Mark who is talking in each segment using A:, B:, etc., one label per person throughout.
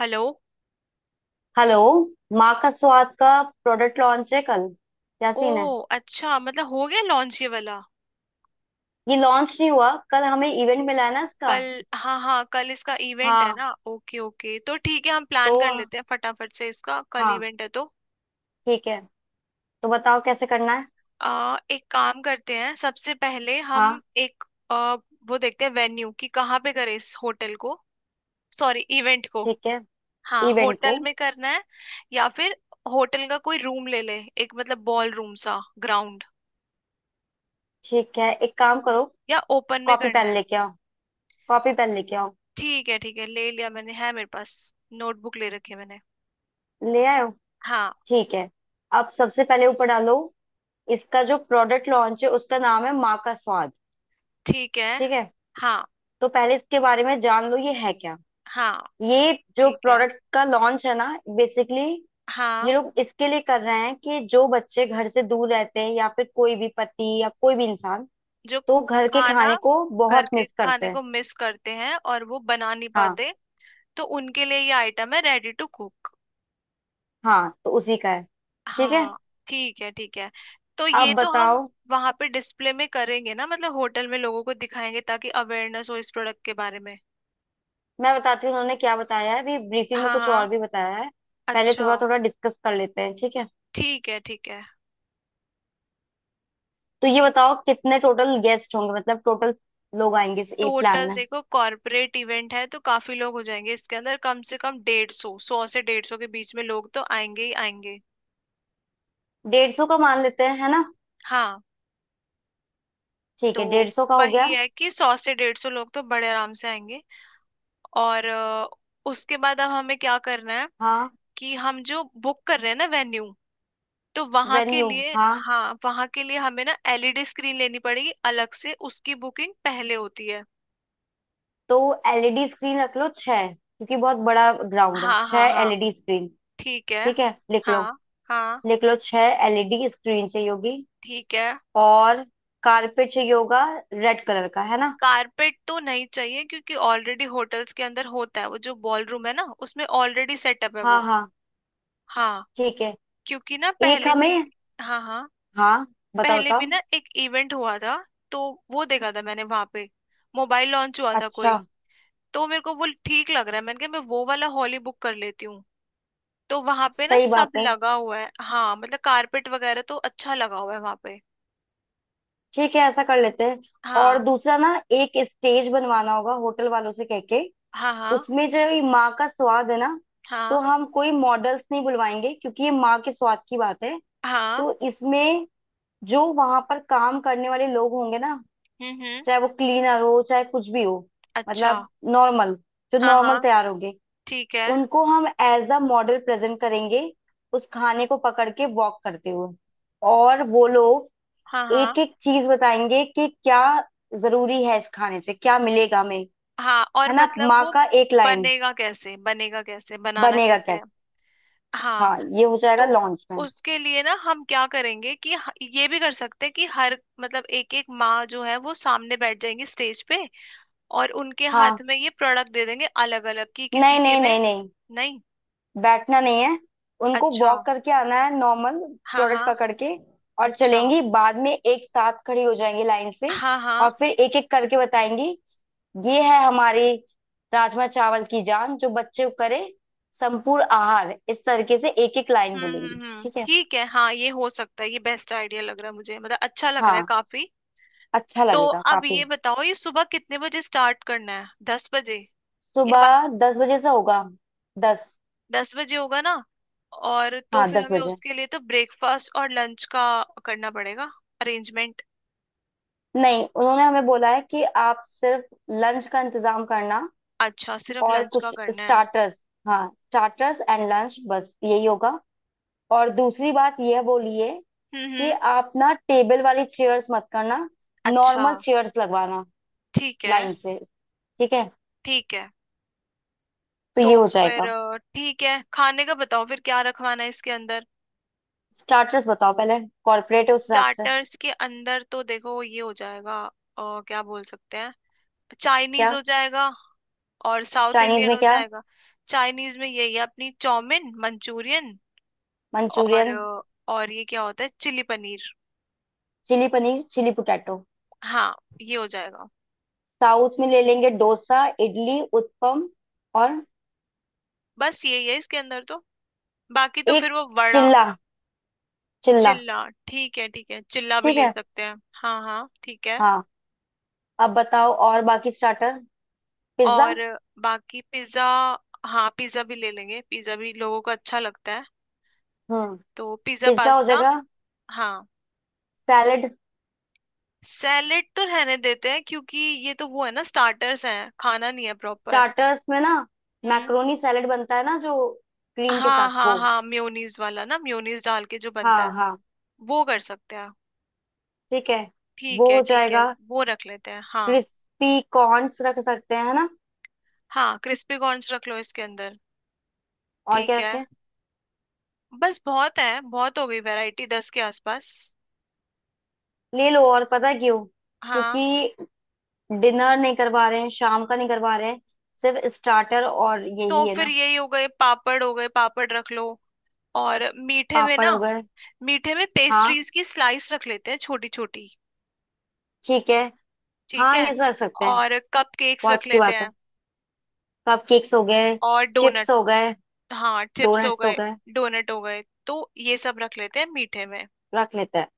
A: Hello.
B: Hello. माँ का स्वाद का प्रोडक्ट लॉन्च है कल। क्या
A: ओ
B: सीन है?
A: अच्छा, मतलब हो गया लॉन्च ये वाला।
B: ये लॉन्च नहीं हुआ, कल हमें इवेंट मिला है ना इसका।
A: कल, हाँ हाँ कल इसका इवेंट है
B: हाँ।
A: ना। ओके ओके, तो ठीक है हम
B: तो
A: प्लान कर लेते हैं फटाफट से, इसका कल
B: हाँ,
A: इवेंट है तो।
B: ठीक है। तो बताओ कैसे करना है।
A: एक काम करते हैं सबसे पहले हम
B: हाँ।
A: एक आ, वो देखते हैं वेन्यू कि कहाँ पे करें इस होटल को। सॉरी, इवेंट को।
B: ठीक है।
A: हाँ
B: इवेंट को।
A: होटल में करना है या फिर होटल का कोई रूम ले ले एक, मतलब बॉल रूम सा ग्राउंड,
B: ठीक है, एक काम करो,
A: या ओपन में
B: कॉपी
A: करना
B: पेन
A: है।
B: लेके आओ। कॉपी पेन लेके आओ।
A: ठीक है ठीक है, ले लिया मैंने, है मेरे पास, नोटबुक ले रखी है मैंने।
B: ले आए हो?
A: हाँ।
B: ठीक है। अब सबसे पहले ऊपर डालो, इसका जो प्रोडक्ट लॉन्च है उसका नाम है माँ का स्वाद।
A: ठीक है।
B: ठीक है।
A: हाँ
B: तो पहले इसके बारे में जान लो, ये है क्या।
A: हाँ
B: ये जो
A: ठीक है।
B: प्रोडक्ट का लॉन्च है ना, बेसिकली ये
A: हाँ
B: लोग इसके लिए कर रहे हैं कि जो बच्चे घर से दूर रहते हैं या फिर कोई भी पति या कोई भी इंसान,
A: जो
B: तो घर के
A: खाना,
B: खाने को
A: घर
B: बहुत
A: के
B: मिस करते
A: खाने
B: हैं।
A: को मिस करते हैं और वो बना नहीं
B: हाँ,
A: पाते, तो उनके लिए ये आइटम है रेडी टू कुक।
B: हाँ, तो उसी का है। ठीक है।
A: हाँ। ठीक है ठीक है। तो ये
B: अब
A: तो हम
B: बताओ।
A: वहां पे डिस्प्ले में करेंगे ना, मतलब होटल में लोगों को दिखाएंगे ताकि अवेयरनेस हो इस प्रोडक्ट के बारे में।
B: मैं बताती हूँ उन्होंने क्या बताया है, अभी ब्रीफिंग
A: हाँ
B: में कुछ और
A: हाँ।
B: भी बताया है। पहले थोड़ा
A: अच्छा।
B: थोड़ा डिस्कस कर लेते हैं, ठीक है।
A: ठीक है ठीक है।
B: तो ये बताओ कितने टोटल गेस्ट होंगे, मतलब टोटल लोग आएंगे इस प्लान
A: टोटल
B: में।
A: देखो, कॉर्पोरेट इवेंट है तो काफी लोग हो जाएंगे इसके अंदर, कम से कम 150, 100 से 150 के बीच में लोग तो आएंगे ही आएंगे।
B: 150 का मान लेते हैं, है ना।
A: हाँ,
B: ठीक
A: तो
B: है, 150 का हो गया।
A: वही है कि 100 से डेढ़ सौ लोग तो बड़े आराम से आएंगे। और उसके बाद अब हमें क्या करना है
B: हाँ।
A: कि हम जो बुक कर रहे हैं ना वेन्यू, तो वहां के
B: वेन्यू।
A: लिए,
B: हाँ।
A: हाँ वहां के लिए हमें ना एलईडी स्क्रीन लेनी पड़ेगी अलग से, उसकी बुकिंग पहले होती है।
B: तो एलईडी स्क्रीन रख लो छह, क्योंकि बहुत बड़ा ग्राउंड है,
A: हाँ
B: छह
A: हाँ हाँ
B: एलईडी स्क्रीन।
A: ठीक है।
B: ठीक है, लिख लो।
A: हाँ हाँ
B: लिख लो, छह एलईडी स्क्रीन चाहिए होगी।
A: ठीक है।
B: और कारपेट चाहिए होगा, रेड कलर का, है ना।
A: कारपेट तो नहीं चाहिए क्योंकि ऑलरेडी होटल्स के अंदर होता है, वो जो बॉल रूम है ना उसमें ऑलरेडी सेटअप है
B: हाँ,
A: वो।
B: हाँ,
A: हाँ,
B: ठीक है।
A: क्योंकि ना
B: एक
A: पहले भी,
B: हमें।
A: हाँ हाँ,
B: हाँ, बताओ
A: पहले भी
B: बताओ।
A: ना एक इवेंट हुआ था, तो वो देखा था मैंने वहां पे, मोबाइल लॉन्च हुआ था
B: अच्छा।
A: कोई। तो मेरे को वो ठीक लग रहा है, मैंने कहा मैं वो वाला हॉल ही बुक कर लेती हूँ। तो वहां पे ना
B: सही
A: सब
B: बात है,
A: लगा हुआ है, हाँ मतलब कारपेट वगैरह तो अच्छा लगा हुआ है वहां पे।
B: ठीक है, ऐसा कर लेते हैं। और
A: हाँ
B: दूसरा ना, एक स्टेज बनवाना होगा होटल वालों से कह के।
A: हाँ। हाँ
B: उसमें जो ये माँ का स्वाद है ना, तो
A: हाँ
B: हम कोई मॉडल्स नहीं बुलवाएंगे, क्योंकि ये माँ के स्वाद की बात है। तो
A: हाँ।
B: इसमें जो वहां पर काम करने वाले लोग होंगे ना,
A: हम्म।
B: चाहे वो क्लीनर हो चाहे कुछ भी हो,
A: अच्छा।
B: मतलब नॉर्मल, जो
A: हाँ
B: नॉर्मल
A: हाँ
B: तैयार होंगे,
A: ठीक है।
B: उनको हम एज अ मॉडल प्रेजेंट करेंगे, उस खाने को पकड़ के वॉक करते हुए। और वो लोग
A: हाँ हाँ
B: एक एक चीज बताएंगे कि क्या जरूरी है, इस खाने से क्या मिलेगा हमें,
A: हाँ। और
B: है ना।
A: मतलब
B: माँ
A: वो
B: का एक लाइन।
A: बनेगा कैसे, बनेगा कैसे, बनाना
B: बनेगा
A: कैसे है।
B: कैसे।
A: हाँ,
B: हाँ, ये हो जाएगा
A: तो
B: लॉन्च में।
A: उसके लिए ना हम क्या करेंगे कि ये भी कर सकते हैं कि हर, मतलब एक एक माँ जो है वो सामने बैठ जाएंगी स्टेज पे, और उनके
B: हाँ।
A: हाथ में ये प्रोडक्ट दे देंगे अलग अलग कि किसी
B: नहीं
A: के
B: नहीं
A: में।
B: नहीं नहीं,
A: नहीं।
B: बैठना नहीं है, उनको
A: अच्छा,
B: वॉक करके आना है नॉर्मल,
A: हाँ
B: प्रोडक्ट
A: हाँ।
B: पकड़ के, और
A: अच्छा।
B: चलेंगी, बाद में एक साथ खड़ी हो जाएंगी लाइन से,
A: हाँ हाँ।
B: और फिर एक एक करके बताएंगी, ये है हमारी राजमा चावल की जान जो बच्चे को करे संपूर्ण आहार, इस तरीके से एक एक लाइन बोलेंगी,
A: हम्म,
B: ठीक है।
A: ठीक है हाँ, ये हो सकता है, ये बेस्ट आइडिया लग रहा है मुझे, मतलब अच्छा लग रहा है
B: हाँ,
A: काफी।
B: अच्छा
A: तो
B: लगेगा
A: अब
B: काफी।
A: ये बताओ ये सुबह कितने बजे स्टार्ट करना है, 10 बजे या?
B: सुबह 10 बजे से होगा। 10।
A: 10 बजे होगा ना? और तो
B: हाँ,
A: फिर
B: दस
A: हमें
B: बजे
A: उसके लिए तो ब्रेकफास्ट और लंच का करना पड़ेगा अरेंजमेंट।
B: नहीं, उन्होंने हमें बोला है कि आप सिर्फ लंच का इंतजाम करना
A: अच्छा सिर्फ
B: और
A: लंच का
B: कुछ
A: करना है।
B: स्टार्टर्स। हाँ, स्टार्टर्स एंड लंच, बस यही होगा। और दूसरी बात यह बोली है कि
A: हम्म।
B: आप ना टेबल वाली चेयर्स मत करना,
A: अच्छा
B: नॉर्मल चेयर्स लगवाना
A: ठीक है
B: लाइन से। ठीक है,
A: ठीक है।
B: तो ये
A: तो
B: हो
A: फिर
B: जाएगा।
A: ठीक है, खाने का बताओ फिर क्या रखवाना है इसके अंदर।
B: स्टार्टर्स बताओ पहले, कॉर्पोरेट है उस हिसाब से।
A: स्टार्टर्स के अंदर तो देखो ये हो जाएगा, क्या बोल सकते हैं, चाइनीज
B: क्या।
A: हो जाएगा और साउथ
B: चाइनीज
A: इंडियन
B: में
A: हो
B: क्या।
A: जाएगा। चाइनीज में यही है अपनी चाउमीन, मंचूरियन, और
B: मंचूरियन,
A: और ये क्या होता है, chilli paneer.
B: Chilli paneer, chilli potato.
A: हाँ ये हो जाएगा।
B: साउथ में ले लेंगे डोसा, इडली, उत्पम, और
A: बस यही है इसके अंदर तो। बाकी तो
B: एक
A: फिर वो वड़ा,
B: चिल्ला। चिल्ला,
A: चिल्ला। ठीक है ठीक है, चिल्ला भी
B: ठीक
A: ले
B: है।
A: सकते हैं। हाँ हाँ ठीक है।
B: हाँ। अब बताओ और बाकी स्टार्टर। पिज्जा।
A: और बाकी पिज्जा, हाँ पिज्जा भी ले लेंगे, पिज्जा भी लोगों को अच्छा लगता है।
B: हाँ,
A: तो पिज्जा
B: पिज्जा हो
A: पास्ता।
B: जाएगा।
A: हाँ।
B: सैलेड।
A: सैलेड तो रहने देते हैं क्योंकि ये तो वो है ना, स्टार्टर्स हैं खाना नहीं है प्रॉपर।
B: स्टार्टर्स में ना
A: हम्म।
B: मैक्रोनी सैलेड बनता है ना, जो क्रीम के
A: हाँ
B: साथ
A: हाँ
B: वो।
A: हाँ, म्योनीज वाला ना, म्योनीज डाल के जो बनता
B: हाँ,
A: है,
B: हाँ,
A: वो कर सकते हैं।
B: ठीक है,
A: ठीक
B: वो
A: है
B: हो
A: ठीक है,
B: जाएगा।
A: वो रख लेते हैं हाँ।
B: क्रिस्पी कॉर्न्स रख सकते हैं, है ना।
A: हाँ क्रिस्पी कॉर्न्स रख लो इसके अंदर।
B: और क्या
A: ठीक है।
B: रखें?
A: बस बहुत है, बहुत हो गई वैरायटी, 10 के आसपास।
B: ले लो और पता है क्यों?
A: हाँ
B: क्योंकि डिनर नहीं करवा रहे हैं, शाम का नहीं करवा रहे हैं, सिर्फ स्टार्टर और
A: तो
B: यही है
A: फिर
B: ना।
A: यही हो गए, पापड़ हो गए, पापड़ रख लो। और मीठे में
B: पापड़
A: ना,
B: हो गए।
A: मीठे में
B: हाँ,
A: पेस्ट्रीज की स्लाइस रख लेते हैं छोटी छोटी।
B: ठीक है,
A: ठीक
B: हाँ
A: है।
B: ये सब रख सकते हैं।
A: और कप केक्स
B: बहुत
A: रख
B: अच्छी
A: लेते
B: बात
A: हैं,
B: है। कप केक्स हो गए।
A: और
B: चिप्स
A: डोनट।
B: हो गए।
A: हाँ चिप्स हो
B: डोनट्स हो
A: गए,
B: गए।
A: डोनट हो गए, तो ये सब रख लेते हैं मीठे में।
B: रख लेते हैं।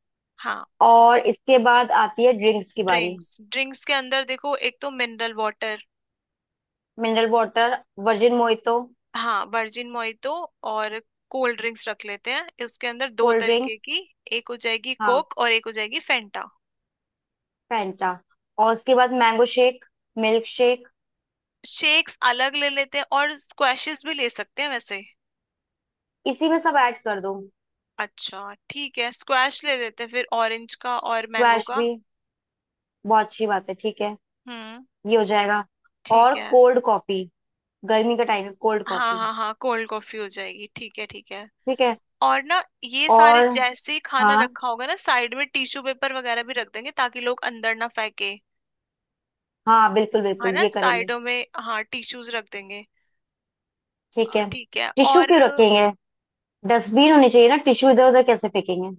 A: हाँ।
B: और इसके बाद आती है ड्रिंक्स की बारी।
A: ड्रिंक्स, ड्रिंक्स के अंदर देखो, एक तो mineral water.
B: Mineral water, virgin mojito.
A: हाँ वर्जिन मोइतो, और कोल्ड ड्रिंक्स रख लेते हैं उसके अंदर दो
B: कोल्ड
A: तरीके
B: ड्रिंक्स।
A: की, एक हो जाएगी
B: हाँ,
A: कोक और एक हो जाएगी फेंटा।
B: फैंटा। और उसके बाद mango shake, milk shake.
A: Shakes अलग ले लेते हैं, और स्क्वैशेस भी ले सकते हैं वैसे।
B: इसी में सब ऐड कर दो।
A: अच्छा ठीक है, स्क्वैश ले लेते हैं फिर, ऑरेंज का और मैंगो
B: स्क्वैश
A: का।
B: भी? बहुत अच्छी बात है, ठीक है,
A: हम्म।
B: ये हो जाएगा। और
A: ठीक है।
B: कोल्ड कॉफी, गर्मी का टाइम है, कोल्ड
A: हाँ
B: कॉफी।
A: हाँ हाँ, कोल्ड कॉफी हो जाएगी, ठीक है ठीक है।
B: ठीक है।
A: और ना ये सारे
B: और
A: जैसे ही खाना
B: हाँ,
A: रखा होगा ना, साइड में टिश्यू पेपर वगैरह भी रख देंगे ताकि लोग अंदर ना फेंके।
B: हाँ, बिल्कुल
A: है
B: बिल्कुल
A: ना,
B: ये करेंगे।
A: साइडों में हाँ टिश्यूज रख देंगे।
B: ठीक है।
A: ठीक है,
B: टिश्यू
A: और
B: क्यों रखेंगे? डस्टबिन होनी चाहिए ना, टिश्यू इधर उधर कैसे फेंकेंगे।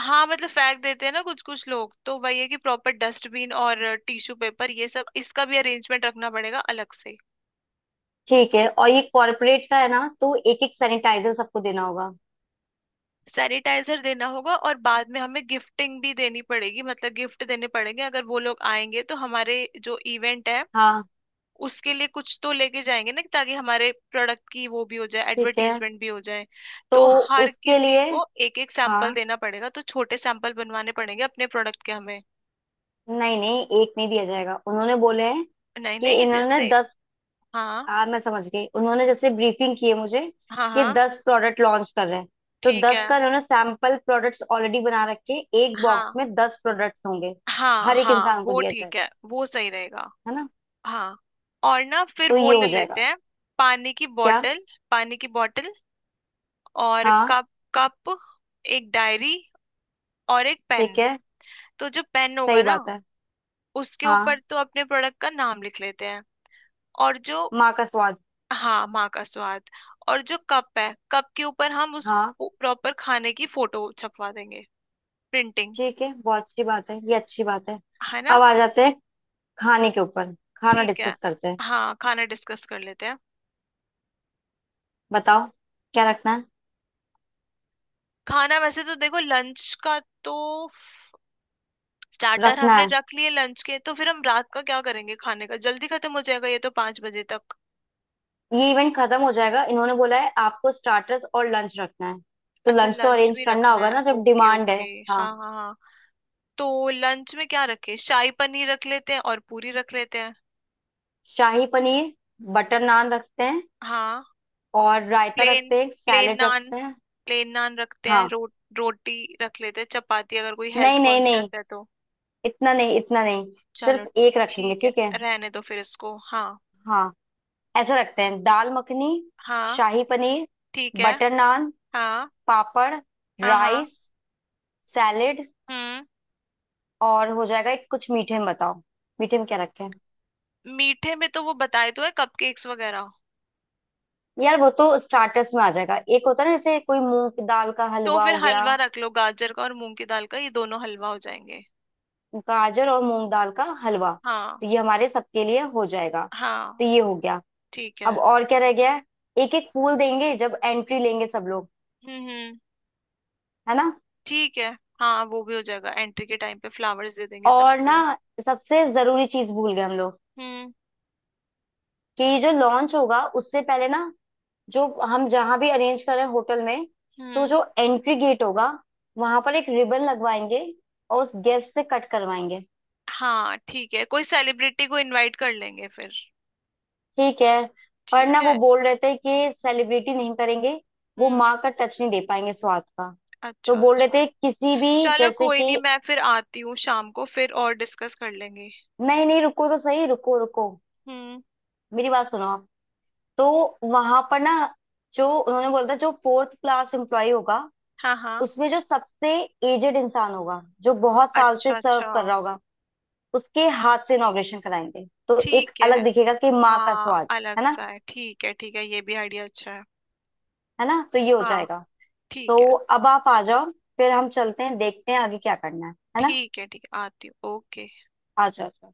A: हाँ मतलब फेंक देते हैं ना कुछ कुछ लोग, तो वही है कि प्रॉपर डस्टबिन और टिश्यू पेपर ये सब इसका भी अरेंजमेंट रखना पड़ेगा अलग से।
B: ठीक है, और ये कॉर्पोरेट का है ना, तो एक एक सैनिटाइजर सबको देना होगा।
A: सैनिटाइजर देना होगा, और बाद में हमें गिफ्टिंग भी देनी पड़ेगी, मतलब गिफ्ट देने पड़ेंगे अगर वो लोग आएंगे, तो हमारे जो इवेंट है
B: हाँ,
A: उसके लिए कुछ तो लेके जाएंगे ना, ताकि हमारे प्रोडक्ट की वो भी हो जाए,
B: ठीक है,
A: एडवर्टीजमेंट भी हो जाए।
B: तो
A: तो हर
B: उसके
A: किसी
B: लिए।
A: को एक एक सैंपल
B: हाँ।
A: देना पड़ेगा, तो छोटे सैंपल बनवाने पड़ेंगे अपने प्रोडक्ट के हमें।
B: नहीं नहीं, एक नहीं दिया जाएगा, उन्होंने बोले हैं
A: नहीं
B: कि
A: नहीं,
B: इन्होंने
A: जैसे,
B: 10।
A: हाँ
B: हाँ मैं समझ गई, उन्होंने जैसे ब्रीफिंग की है मुझे
A: हाँ
B: कि
A: हाँ
B: 10 प्रोडक्ट लॉन्च कर रहे हैं, तो
A: ठीक
B: दस
A: है,
B: का उन्होंने सैंपल प्रोडक्ट्स ऑलरेडी बना रखे हैं। एक बॉक्स
A: हाँ
B: में 10 प्रोडक्ट्स होंगे,
A: हाँ
B: हर एक
A: हाँ
B: इंसान को
A: वो
B: दिया जाएगा,
A: ठीक है, वो सही रहेगा।
B: है ना।
A: हाँ। और ना फिर
B: तो
A: वो
B: ये हो
A: ले लेते
B: जाएगा।
A: हैं, पानी की
B: क्या?
A: बोतल। पानी की बोतल, और
B: हाँ,
A: कप। कप, एक डायरी, और एक पेन।
B: ठीक है,
A: तो जो पेन होगा
B: सही
A: ना,
B: बात है।
A: उसके ऊपर
B: हाँ,
A: तो अपने प्रोडक्ट का नाम लिख लेते हैं। और जो,
B: माँ का स्वाद।
A: हाँ माँ का स्वाद। और जो कप है, कप के ऊपर हम उस
B: हाँ,
A: प्रॉपर खाने की फोटो छपवा देंगे, प्रिंटिंग।
B: ठीक है, बहुत अच्छी बात है, ये अच्छी बात है।
A: है ना?
B: अब आ जाते हैं खाने के ऊपर, खाना
A: ठीक है।
B: डिस्कस करते हैं।
A: हाँ खाना डिस्कस कर लेते हैं।
B: बताओ क्या रखना है।
A: खाना वैसे तो देखो लंच का तो, स्टार्टर
B: रखना
A: हमने
B: है,
A: रख लिए, लंच के तो फिर हम रात का क्या करेंगे, खाने का जल्दी खत्म हो जाएगा ये तो, 5 बजे तक।
B: ये इवेंट खत्म हो जाएगा, इन्होंने बोला है आपको स्टार्टर्स और लंच रखना है, तो
A: अच्छा
B: लंच तो
A: लंच
B: अरेंज
A: भी
B: करना
A: रखना
B: होगा
A: है,
B: ना जब
A: ओके
B: डिमांड है।
A: ओके।
B: हाँ,
A: हाँ हाँ हाँ। तो लंच में क्या रखे, शाही पनीर रख लेते हैं और पूरी रख लेते हैं।
B: शाही पनीर, बटर नान रखते हैं,
A: हाँ।
B: और रायता
A: प्लेन,
B: रखते हैं,
A: प्लेन
B: सैलेड
A: नान,
B: रखते हैं।
A: प्लेन नान रखते हैं।
B: हाँ,
A: रोटी रख लेते हैं चपाती, अगर कोई
B: नहीं
A: हेल्थ
B: नहीं
A: कॉन्शियस
B: नहीं,
A: है तो।
B: इतना नहीं इतना नहीं,
A: चलो,
B: सिर्फ एक रखेंगे,
A: ठीक है,
B: ठीक है।
A: रहने दो फिर इसको हाँ।
B: हाँ। ऐसा रखते हैं, दाल मखनी,
A: हाँ।
B: शाही पनीर,
A: ठीक है।
B: बटर नान,
A: हाँ
B: पापड़,
A: हाँ हाँ।
B: राइस, सैलेड,
A: हम्म।
B: और हो जाएगा एक कुछ मीठे में। बताओ मीठे में क्या रखें।
A: मीठे में तो वो बताए तो है कपकेक्स वगैरह।
B: यार वो तो स्टार्टर्स में आ जाएगा, एक होता है ना जैसे कोई मूंग दाल का
A: तो
B: हलवा
A: फिर
B: हो गया।
A: हलवा रख लो, गाजर का और मूंग की दाल का, ये दोनों हलवा हो जाएंगे।
B: गाजर और मूंग दाल का हलवा,
A: हाँ।
B: तो ये हमारे सबके लिए हो जाएगा।
A: हाँ
B: तो ये हो गया।
A: ठीक
B: अब
A: है।
B: और क्या रह गया है? एक एक फूल देंगे जब एंट्री लेंगे सब लोग,
A: हम्म।
B: है ना।
A: ठीक है। हाँ वो भी हो जाएगा, एंट्री के टाइम पे फ्लावर्स दे देंगे
B: और ना,
A: सबको।
B: सबसे जरूरी चीज भूल गए हम लोग,
A: हम्म
B: कि ये जो लॉन्च होगा उससे पहले ना, जो हम जहां भी अरेंज कर रहे हैं होटल में, तो
A: हम्म।
B: जो एंट्री गेट होगा वहां पर एक रिबन लगवाएंगे और उस गेस्ट से कट करवाएंगे।
A: हाँ ठीक है, कोई सेलिब्रिटी को इनवाइट कर लेंगे फिर।
B: ठीक है, पर
A: ठीक
B: ना वो
A: है।
B: बोल रहे थे कि सेलिब्रिटी नहीं करेंगे, वो
A: हम्म।
B: माँ का टच नहीं दे पाएंगे स्वाद का, तो
A: अच्छा
B: बोल रहे
A: अच्छा।
B: थे किसी भी
A: चलो
B: जैसे
A: कोई नहीं,
B: कि।
A: मैं फिर आती हूँ शाम को, फिर और डिस्कस कर लेंगे।
B: नहीं नहीं, रुको तो सही, रुको रुको,
A: हम्म।
B: मेरी बात सुनो आप। तो वहां पर ना, जो उन्होंने बोला था, जो फोर्थ क्लास एम्प्लॉय होगा,
A: हाँ हाँ।
B: उसमें जो सबसे एजेड इंसान होगा, जो बहुत साल से
A: अच्छा
B: सर्व
A: अच्छा।
B: कर रहा होगा, उसके हाथ से इनॉग्रेशन कराएंगे, तो एक
A: ठीक है,
B: अलग दिखेगा कि माँ का
A: हाँ
B: स्वाद,
A: अलग
B: है ना।
A: सा है, ठीक है ठीक है, ये भी आइडिया अच्छा है।
B: है ना, तो ये हो
A: हाँ।
B: जाएगा। तो
A: ठीक है।
B: अब आप आ जाओ, फिर हम चलते हैं, देखते हैं आगे क्या करना है ना।
A: ठीक है ठीक है आती हूँ, ओके।
B: आ जाओ आ जाओ।